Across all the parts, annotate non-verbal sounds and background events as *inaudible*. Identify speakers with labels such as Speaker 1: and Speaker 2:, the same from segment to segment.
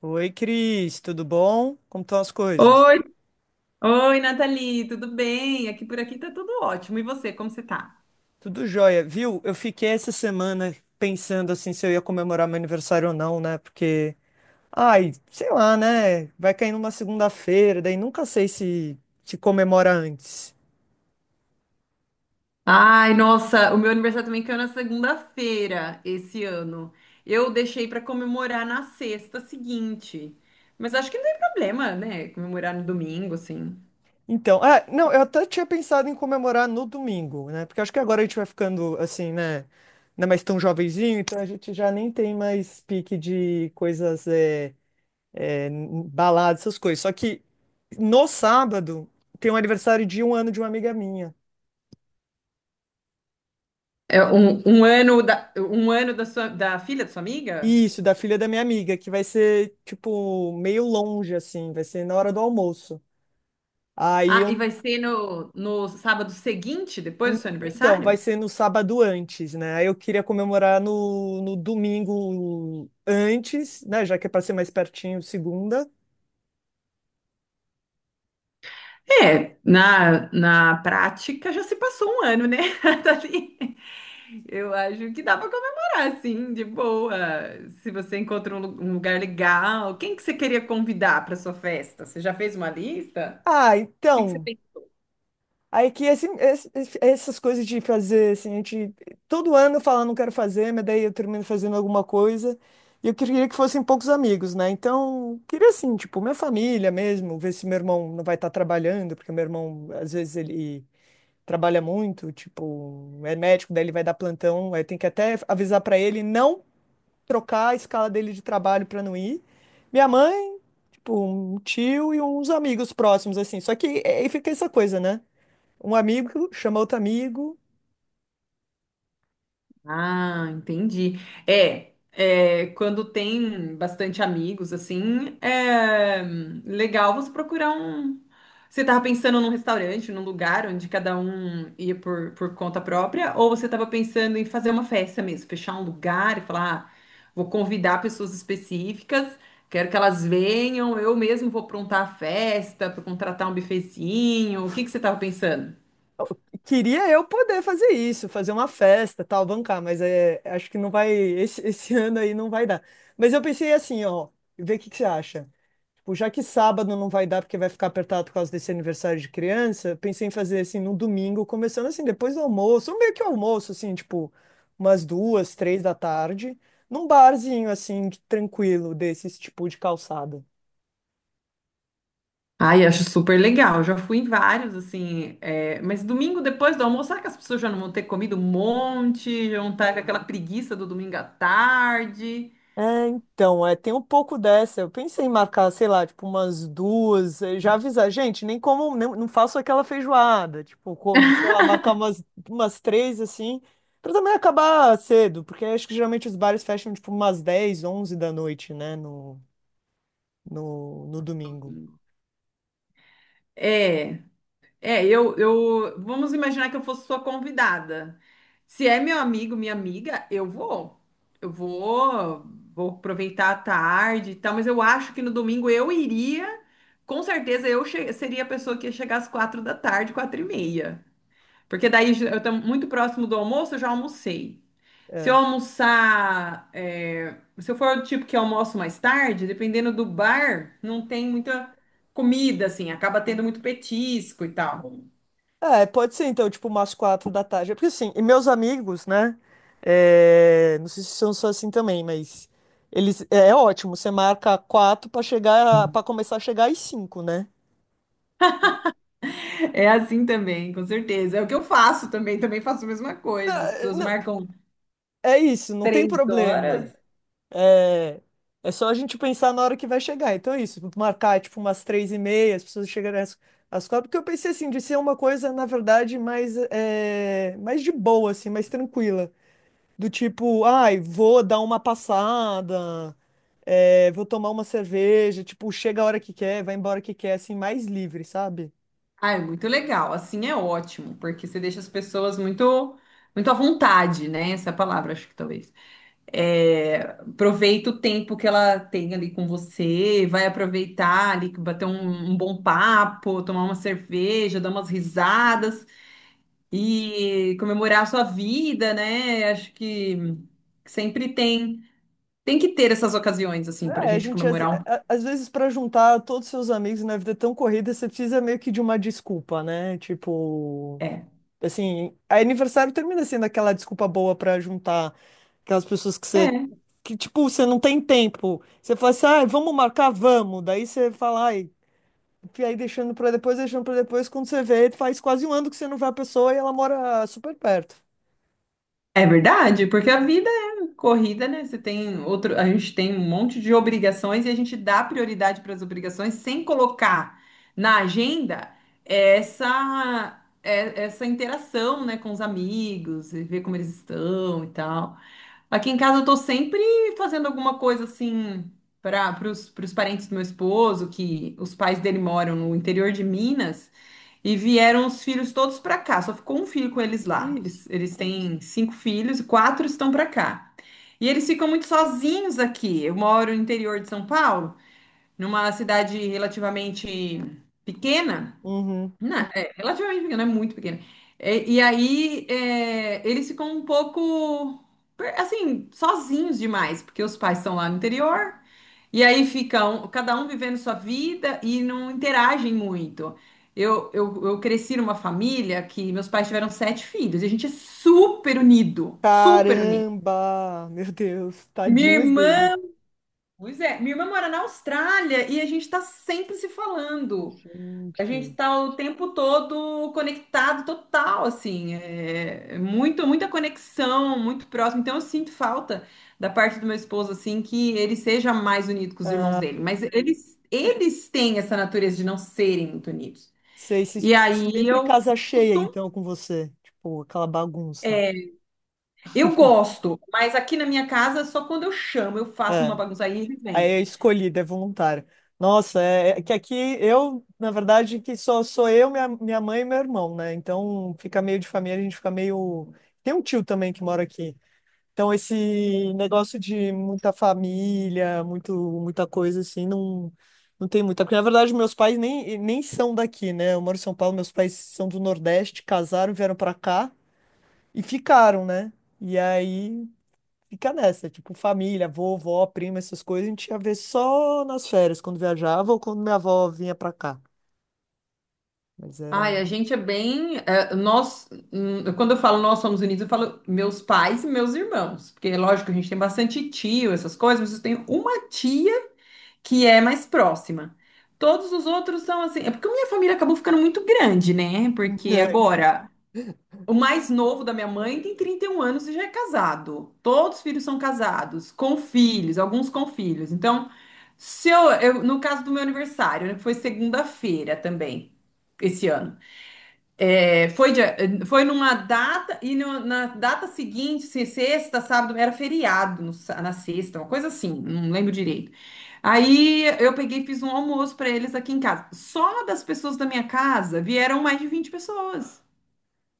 Speaker 1: Oi, Cris, tudo bom? Como estão as coisas?
Speaker 2: Oi, Nathalie, tudo bem? Aqui por aqui tá tudo ótimo. E você, como você tá?
Speaker 1: Tudo jóia, viu? Eu fiquei essa semana pensando assim se eu ia comemorar meu aniversário ou não, né? Porque, ai, sei lá, né? Vai cair numa segunda-feira, daí nunca sei se comemora antes.
Speaker 2: Ai, nossa, o meu aniversário também caiu na segunda-feira esse ano. Eu deixei pra comemorar na sexta seguinte. Mas acho que não tem problema, né? Comemorar no domingo, assim.
Speaker 1: Então, ah, não, eu até tinha pensado em comemorar no domingo, né? Porque acho que agora a gente vai ficando assim, né? Não é mais tão jovenzinho, então a gente já nem tem mais pique de coisas. É, Balada, essas coisas. Só que no sábado tem um aniversário de um ano de uma amiga minha.
Speaker 2: É um ano um ano da sua, da filha da sua amiga?
Speaker 1: Isso, da filha da minha amiga, que vai ser, tipo, meio longe, assim, vai ser na hora do almoço. Aí
Speaker 2: Ah, e
Speaker 1: eu.
Speaker 2: vai ser no sábado seguinte, depois do seu
Speaker 1: Então, vai
Speaker 2: aniversário?
Speaker 1: ser no sábado antes, né? Aí eu queria comemorar no domingo antes, né? Já que é para ser mais pertinho, segunda.
Speaker 2: É, na prática já se passou um ano, né? *laughs* Dali. Eu acho que dá para comemorar, assim, de boa. Se você encontra um lugar legal, quem que você queria convidar para sua festa? Você já fez uma lista?
Speaker 1: Ah,
Speaker 2: O que que você...
Speaker 1: então. Aí que essas coisas de fazer, assim, a gente todo ano fala não quero fazer, mas daí eu termino fazendo alguma coisa. E eu queria que fossem poucos amigos, né? Então, queria assim, tipo, minha família mesmo, ver se meu irmão não vai estar trabalhando, porque meu irmão, às vezes, ele trabalha muito, tipo, é médico, daí ele vai dar plantão, aí tem que até avisar pra ele não trocar a escala dele de trabalho pra não ir. Minha mãe, tipo, um tio e uns amigos próximos, assim. Só que é, aí fica essa coisa, né? Um amigo chama outro amigo.
Speaker 2: Ah, entendi. É, é, quando tem bastante amigos, assim, é legal você procurar um. Você estava pensando num restaurante, num lugar onde cada um ia por conta própria, ou você estava pensando em fazer uma festa mesmo, fechar um lugar e falar, ah, vou convidar pessoas específicas, quero que elas venham, eu mesmo vou aprontar a festa, para contratar um bufezinho. O que que você estava pensando?
Speaker 1: Queria eu poder fazer isso, fazer uma festa, tal, bancar, mas é, acho que não vai, esse *laughs* ano aí não vai dar. Mas eu pensei assim, ó, vê o que que você acha. Tipo, já que sábado não vai dar porque vai ficar apertado por causa desse aniversário de criança, eu pensei em fazer assim no domingo, começando assim depois do almoço, ou meio que almoço, assim, tipo, umas duas, três da tarde, num barzinho assim, tranquilo, desses tipo de calçada.
Speaker 2: Ai, acho super legal. Já fui em vários, assim. É, mas domingo depois do almoço, será que as pessoas já não vão ter comido um monte? Já vão estar com aquela preguiça do domingo à tarde?
Speaker 1: É, então, é, tem um pouco dessa. Eu pensei em marcar, sei lá, tipo, umas duas, já avisar, gente, nem como, não faço aquela feijoada, tipo, como, sei lá, marcar umas três, assim, pra também acabar cedo, porque acho que geralmente os bares fecham, tipo, umas 10 11 da noite, né, no domingo.
Speaker 2: É, é, eu, eu. Vamos imaginar que eu fosse sua convidada. Se é meu amigo, minha amiga, eu vou. Eu vou, Vou aproveitar a tarde e tal, mas eu acho que no domingo eu iria. Com certeza seria a pessoa que ia chegar às quatro da tarde, quatro e meia. Porque daí eu estou muito próximo do almoço, eu já almocei. Se eu
Speaker 1: É.
Speaker 2: almoçar, se eu for o tipo que almoço mais tarde, dependendo do bar, não tem muita comida, assim, acaba tendo muito petisco e tal.
Speaker 1: É, pode ser então, tipo, umas quatro da tarde. É. Porque assim, e meus amigos, né? Não sei se são só assim também, mas eles, é ótimo. Você marca quatro pra chegar, para começar a chegar às cinco, né?
Speaker 2: É assim também, com certeza. É o que eu faço também, também faço a mesma
Speaker 1: Não,
Speaker 2: coisa. As pessoas
Speaker 1: não,
Speaker 2: marcam
Speaker 1: é isso, não tem
Speaker 2: três
Speaker 1: problema.
Speaker 2: horas.
Speaker 1: É, é só a gente pensar na hora que vai chegar. Então é isso, marcar tipo umas três e meia, as pessoas chegarem às quatro. Porque eu pensei assim de ser uma coisa, na verdade, mais mais de boa, assim, mais tranquila. Do tipo, ai, vou dar uma passada, vou tomar uma cerveja, tipo, chega a hora que quer, vai embora que quer, assim, mais livre, sabe?
Speaker 2: Ah, é muito legal. Assim é ótimo, porque você deixa as pessoas muito à vontade, né? Essa é a palavra, acho que talvez. É, aproveita o tempo que ela tem ali com você, vai aproveitar ali, bater um bom papo, tomar uma cerveja, dar umas risadas e comemorar a sua vida, né? Acho que sempre tem, tem que ter essas ocasiões assim pra
Speaker 1: É, a
Speaker 2: gente
Speaker 1: gente, às,
Speaker 2: comemorar um.
Speaker 1: a- às vezes, para juntar todos os seus amigos na vida tão corrida, você precisa meio que de uma desculpa, né? Tipo,
Speaker 2: É.
Speaker 1: assim, aniversário termina sendo aquela desculpa boa para juntar aquelas pessoas que você,
Speaker 2: É.
Speaker 1: que, tipo, você não tem tempo. Você fala assim, ai, vamos marcar, vamos. Daí você fala, ai. Que aí deixando pra depois, quando você vê, faz quase um ano que você não vê a pessoa e ela mora super perto.
Speaker 2: É verdade, porque a vida é corrida, né? Você tem outro, a gente tem um monte de obrigações e a gente dá prioridade para as obrigações sem colocar na agenda essa essa interação, né, com os amigos, e ver como eles estão e tal. Aqui em casa eu tô sempre fazendo alguma coisa assim pros parentes do meu esposo, que os pais dele moram no interior de Minas, e vieram os filhos todos para cá. Só ficou um filho com eles lá.
Speaker 1: Ixi.
Speaker 2: Eles têm cinco filhos e quatro estão para cá. E eles ficam muito sozinhos aqui. Eu moro no interior de São Paulo, numa cidade relativamente pequena.
Speaker 1: Uhum.
Speaker 2: Não, é relativamente pequeno, é muito pequeno. É, e aí é, eles ficam um pouco assim, sozinhos demais, porque os pais estão lá no interior, e aí ficam cada um vivendo sua vida e não interagem muito. Eu cresci numa família que meus pais tiveram sete filhos, e a gente é super unido, super unido.
Speaker 1: Caramba! Meu Deus,
Speaker 2: Minha
Speaker 1: tadinhos dele.
Speaker 2: irmã, pois é, minha irmã mora na Austrália e a gente tá sempre se falando. A gente
Speaker 1: Gente.
Speaker 2: tá o tempo todo conectado, total, assim, é é muito, muita conexão, muito próximo. Então eu sinto falta da parte do meu esposo, assim, que ele seja mais unido com os irmãos dele. Mas
Speaker 1: Sei.
Speaker 2: eles têm essa natureza de não serem muito unidos.
Speaker 1: Sei,
Speaker 2: E aí
Speaker 1: sempre
Speaker 2: eu
Speaker 1: casa cheia,
Speaker 2: costumo,
Speaker 1: então, com você. Tipo, aquela bagunça.
Speaker 2: é, eu gosto, mas aqui na minha casa, só quando eu chamo, eu faço uma
Speaker 1: É.
Speaker 2: bagunça aí, ele
Speaker 1: Aí
Speaker 2: vem.
Speaker 1: é escolhida, é voluntária. Nossa, é que aqui eu, na verdade, que só sou eu, minha mãe e meu irmão, né? Então fica meio de família, a gente fica meio. Tem um tio também que mora aqui. Então, esse negócio de muita família, muito, muita coisa assim, não tem muita. Porque, na verdade, meus pais nem são daqui, né? Eu moro em São Paulo, meus pais são do Nordeste, casaram, vieram pra cá e ficaram, né? E aí fica nessa, tipo, família, avô, vó, prima, essas coisas, a gente ia ver só nas férias, quando viajava ou quando minha avó vinha pra cá. Mas era.
Speaker 2: Ai, a gente é bem. É, quando eu falo nós somos unidos, eu falo meus pais e meus irmãos. Porque, lógico, a gente tem bastante tio, essas coisas, mas eu tenho uma tia que é mais próxima. Todos os outros são assim. É porque a minha família acabou ficando muito grande, né?
Speaker 1: *laughs*
Speaker 2: Porque
Speaker 1: É.
Speaker 2: agora, o mais novo da minha mãe tem 31 anos e já é casado. Todos os filhos são casados, com filhos, alguns com filhos. Então, se no caso do meu aniversário, né, que foi segunda-feira também, esse ano. É, foi, foi numa data e na data seguinte, sexta, sábado, era feriado no sa- na sexta, uma coisa assim, não lembro direito. Aí eu peguei e fiz um almoço para eles aqui em casa. Só das pessoas da minha casa vieram mais de 20 pessoas.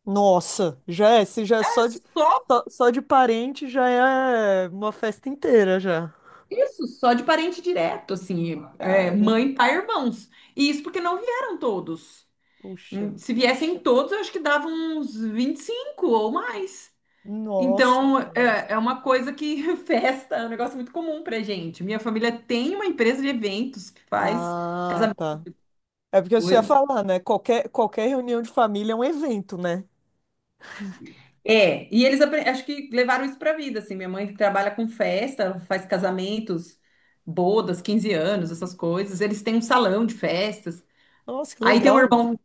Speaker 1: Nossa, já é, se já é
Speaker 2: É
Speaker 1: só de,
Speaker 2: só
Speaker 1: só, só de parente, já é uma festa inteira já.
Speaker 2: isso, só de parente direto, assim, é,
Speaker 1: Cara.
Speaker 2: mãe, pai, irmãos. E isso porque não vieram todos.
Speaker 1: Puxa.
Speaker 2: Se viessem todos, eu acho que dava uns 25 ou mais.
Speaker 1: Nossa.
Speaker 2: Então, é, é uma coisa que *laughs* festa, é um negócio muito comum pra gente. Minha família tem uma empresa de eventos que faz
Speaker 1: Ah,
Speaker 2: essas
Speaker 1: tá. É porque você ia
Speaker 2: coisas.
Speaker 1: falar, né? Qualquer reunião de família é um evento, né?
Speaker 2: É, e acho que levaram isso pra vida, assim. Minha mãe trabalha com festa, ela faz casamentos, bodas, 15 anos, essas coisas. Eles têm um salão de festas.
Speaker 1: Nossa, que
Speaker 2: Aí tem um
Speaker 1: legal.
Speaker 2: irmão,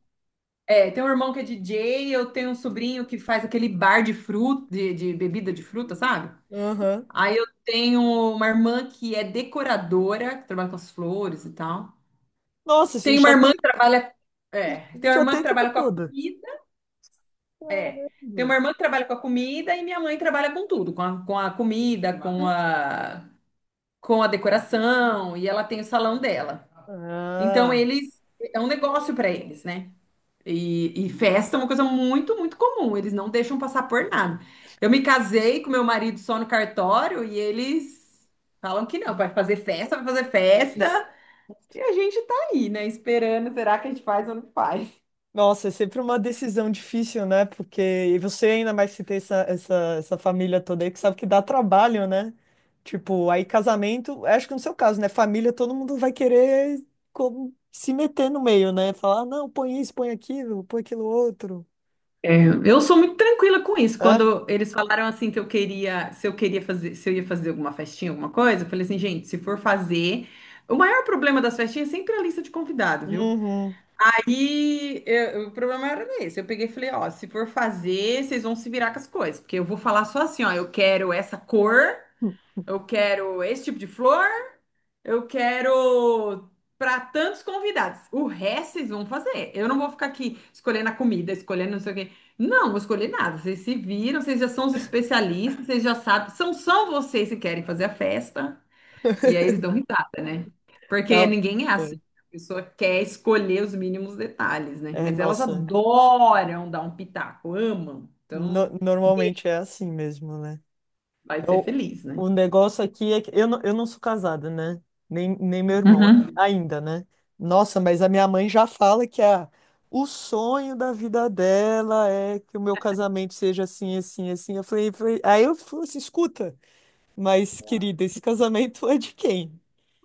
Speaker 2: é, tem um irmão que é DJ, eu tenho um sobrinho que faz aquele bar de fruta, de bebida de fruta, sabe?
Speaker 1: Aham.
Speaker 2: Aí eu tenho uma irmã que é decoradora, que trabalha com as flores e tal.
Speaker 1: Nossa, você
Speaker 2: Tem uma
Speaker 1: já
Speaker 2: irmã
Speaker 1: tem,
Speaker 2: que trabalha. É, tem uma
Speaker 1: já
Speaker 2: irmã
Speaker 1: tem a
Speaker 2: que
Speaker 1: equipe
Speaker 2: trabalha com a
Speaker 1: toda.
Speaker 2: comida.
Speaker 1: Caramba.
Speaker 2: É. Tem uma irmã que trabalha com a comida e minha mãe trabalha com tudo, com a comida, com a decoração, e ela tem o salão dela. Então
Speaker 1: Ah.
Speaker 2: eles é um negócio para eles, né? E festa é uma coisa muito comum. Eles não deixam passar por nada. Eu me casei com meu marido só no cartório e eles falam que não, vai fazer festa, vai fazer festa. E a gente tá aí, né? Esperando, será que a gente faz ou não faz?
Speaker 1: Nossa, é sempre uma decisão difícil, né? Porque e você ainda mais se tem essa família toda aí que sabe que dá trabalho, né? Tipo, aí casamento, acho que no seu caso, né? Família, todo mundo vai querer como, se meter no meio, né? Falar, "Ah, não, põe isso, põe aquilo outro."
Speaker 2: É, eu sou muito tranquila com isso.
Speaker 1: Hã?
Speaker 2: Quando eles falaram assim que eu queria, se eu queria fazer, se eu ia fazer alguma festinha, alguma coisa, eu falei assim, gente, se for fazer, o maior problema das festinhas é sempre a lista de convidado, viu?
Speaker 1: Uhum.
Speaker 2: O problema era esse. Eu peguei e falei, ó, se for fazer, vocês vão se virar com as coisas, porque eu vou falar só assim, ó, eu quero essa cor, eu quero esse tipo de flor, eu quero para tantos convidados. O resto vocês vão fazer. Eu não vou ficar aqui escolhendo a comida, escolhendo não sei o quê. Não, vou escolher nada. Vocês se viram, vocês já são os especialistas, vocês já sabem. São só vocês que querem fazer a festa. E aí eles dão risada, né? Porque
Speaker 1: Ah.
Speaker 2: ninguém é assim.
Speaker 1: É,
Speaker 2: A pessoa quer escolher os mínimos detalhes, né? Mas elas
Speaker 1: nossa,
Speaker 2: adoram dar um pitaco, amam.
Speaker 1: no-
Speaker 2: Então,
Speaker 1: normalmente é assim mesmo, né?
Speaker 2: vai ser
Speaker 1: O,
Speaker 2: feliz, né?
Speaker 1: o negócio aqui é que eu não sou casada, né? Nem meu irmão
Speaker 2: Uhum,
Speaker 1: ainda, né? Nossa, mas a minha mãe já fala que o sonho da vida dela é que o meu casamento seja assim, assim, assim. Eu falei, aí eu falei assim, escuta, mas querida, esse casamento é de quem?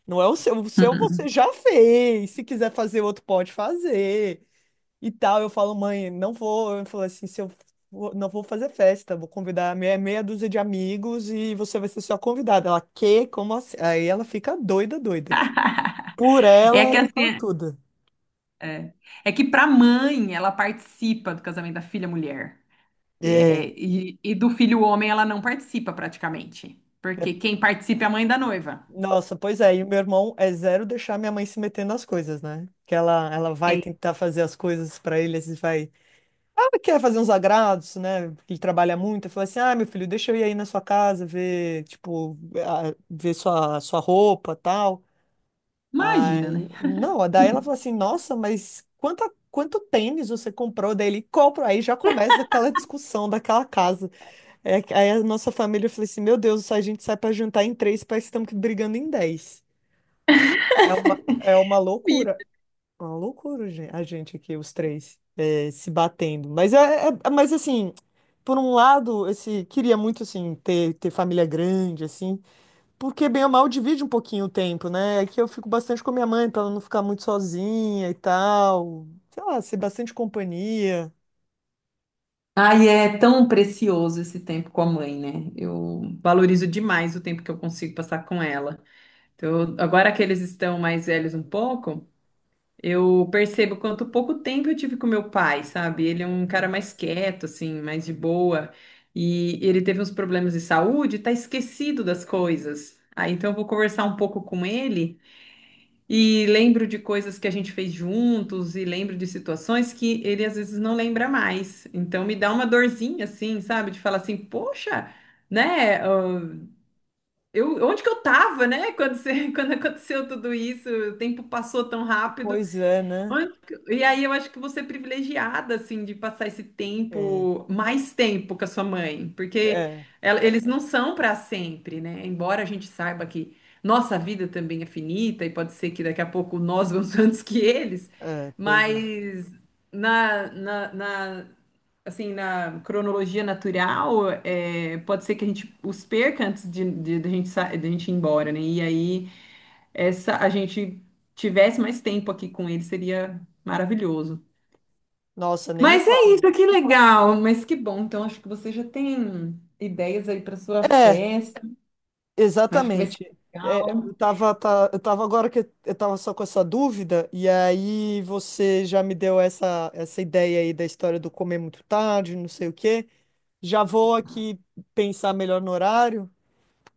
Speaker 1: Não é o seu. O seu você
Speaker 2: uhum.
Speaker 1: já fez. Se quiser fazer outro, pode fazer e tal. Eu falo, mãe, não vou. Eu falo assim, se eu for- não vou fazer festa, vou convidar meia dúzia de amigos e você vai ser só convidada. Ela, que? Como assim? Aí ela fica doida, doida. Que por
Speaker 2: É
Speaker 1: ela
Speaker 2: que
Speaker 1: era
Speaker 2: assim,
Speaker 1: aquela tudo.
Speaker 2: é, é que para mãe, ela participa do casamento da filha mulher.
Speaker 1: É.
Speaker 2: É, e do filho homem, ela não participa praticamente.
Speaker 1: É.
Speaker 2: Porque quem participa é a mãe da noiva.
Speaker 1: Nossa, pois é, e o meu irmão é zero deixar minha mãe se meter nas coisas, né? Que ela vai
Speaker 2: É,
Speaker 1: tentar fazer as coisas pra ele, ele vai. Ela quer fazer uns agrados, né? Porque ele trabalha muito. Eu falo assim: ah, meu filho, deixa eu ir aí na sua casa ver, tipo, ver sua roupa tal.
Speaker 2: imagina, né?
Speaker 1: Ai, não, daí ela falou assim, nossa, mas quanta, quanto tênis você comprou dele? Compro, aí já começa aquela discussão daquela casa. É, aí a nossa família falou assim, meu Deus, a gente sai pra jantar em três, parece que estamos brigando em dez. É
Speaker 2: Vida.
Speaker 1: uma loucura, a gente aqui, os três, é, se batendo. Mas mas assim, por um lado, esse, queria muito, assim, ter família grande, assim, porque bem ou mal divide um pouquinho o tempo, né? É que eu fico bastante com a minha mãe, pra ela não ficar muito sozinha e tal. Sei lá, ser bastante companhia.
Speaker 2: Ai, é tão precioso esse tempo com a mãe, né? Eu valorizo demais o tempo que eu consigo passar com ela. Então, agora que eles estão mais velhos um pouco. Eu percebo quanto pouco tempo eu tive com meu pai, sabe? Ele é um cara mais quieto, assim, mais de boa. E ele teve uns problemas de saúde, tá esquecido das coisas. Aí então eu vou conversar um pouco com ele e lembro de coisas que a gente fez juntos e lembro de situações que ele às vezes não lembra mais. Então me dá uma dorzinha, assim, sabe? De falar assim, poxa, né? Eu, onde que eu tava, né? Quando, *laughs* quando aconteceu tudo isso, o tempo passou tão rápido.
Speaker 1: Pois é, né?
Speaker 2: Ai, e aí eu acho que você é privilegiada, assim, de passar esse
Speaker 1: É,
Speaker 2: tempo, mais tempo com a sua mãe, porque
Speaker 1: é,
Speaker 2: eles não são para sempre, né? Embora a gente saiba que nossa vida também é finita e pode ser que daqui a pouco nós vamos *laughs* antes que eles,
Speaker 1: é, pois é.
Speaker 2: mas na, na, na- assim, na cronologia natural, é, pode ser que a gente os perca antes de a gente, de a gente ir embora, né? E aí essa a gente tivesse mais tempo aqui com ele, seria maravilhoso.
Speaker 1: Nossa, nem me
Speaker 2: Mas
Speaker 1: fala.
Speaker 2: é isso, que legal, mas que bom. Então acho que você já tem ideias aí para sua
Speaker 1: É,
Speaker 2: festa. Acho que vai ser
Speaker 1: exatamente. É, eu
Speaker 2: legal.
Speaker 1: tava, eu tava agora que eu tava só com essa dúvida, e aí você já me deu essa ideia aí da história do comer muito tarde, não sei o quê. Já vou aqui pensar melhor no horário.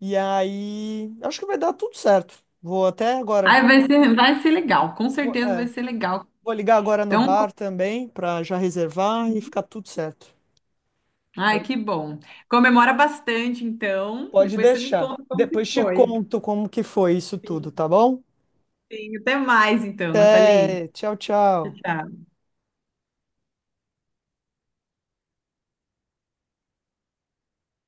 Speaker 1: E aí, acho que vai dar tudo certo. Vou até agora.
Speaker 2: Ai, vai ser legal, com
Speaker 1: Vou,
Speaker 2: certeza vai
Speaker 1: é,
Speaker 2: ser legal.
Speaker 1: vou ligar agora no
Speaker 2: Então,
Speaker 1: bar também para já reservar e ficar tudo certo.
Speaker 2: ai,
Speaker 1: Aí
Speaker 2: que bom. Comemora bastante, então.
Speaker 1: pode
Speaker 2: Depois você me
Speaker 1: deixar.
Speaker 2: conta como que
Speaker 1: Depois te
Speaker 2: foi.
Speaker 1: conto como que foi isso tudo,
Speaker 2: Sim,
Speaker 1: tá bom?
Speaker 2: sim. Até mais, então,
Speaker 1: Até,
Speaker 2: Nathalie.
Speaker 1: tchau,
Speaker 2: Tchau,
Speaker 1: tchau.
Speaker 2: tchau.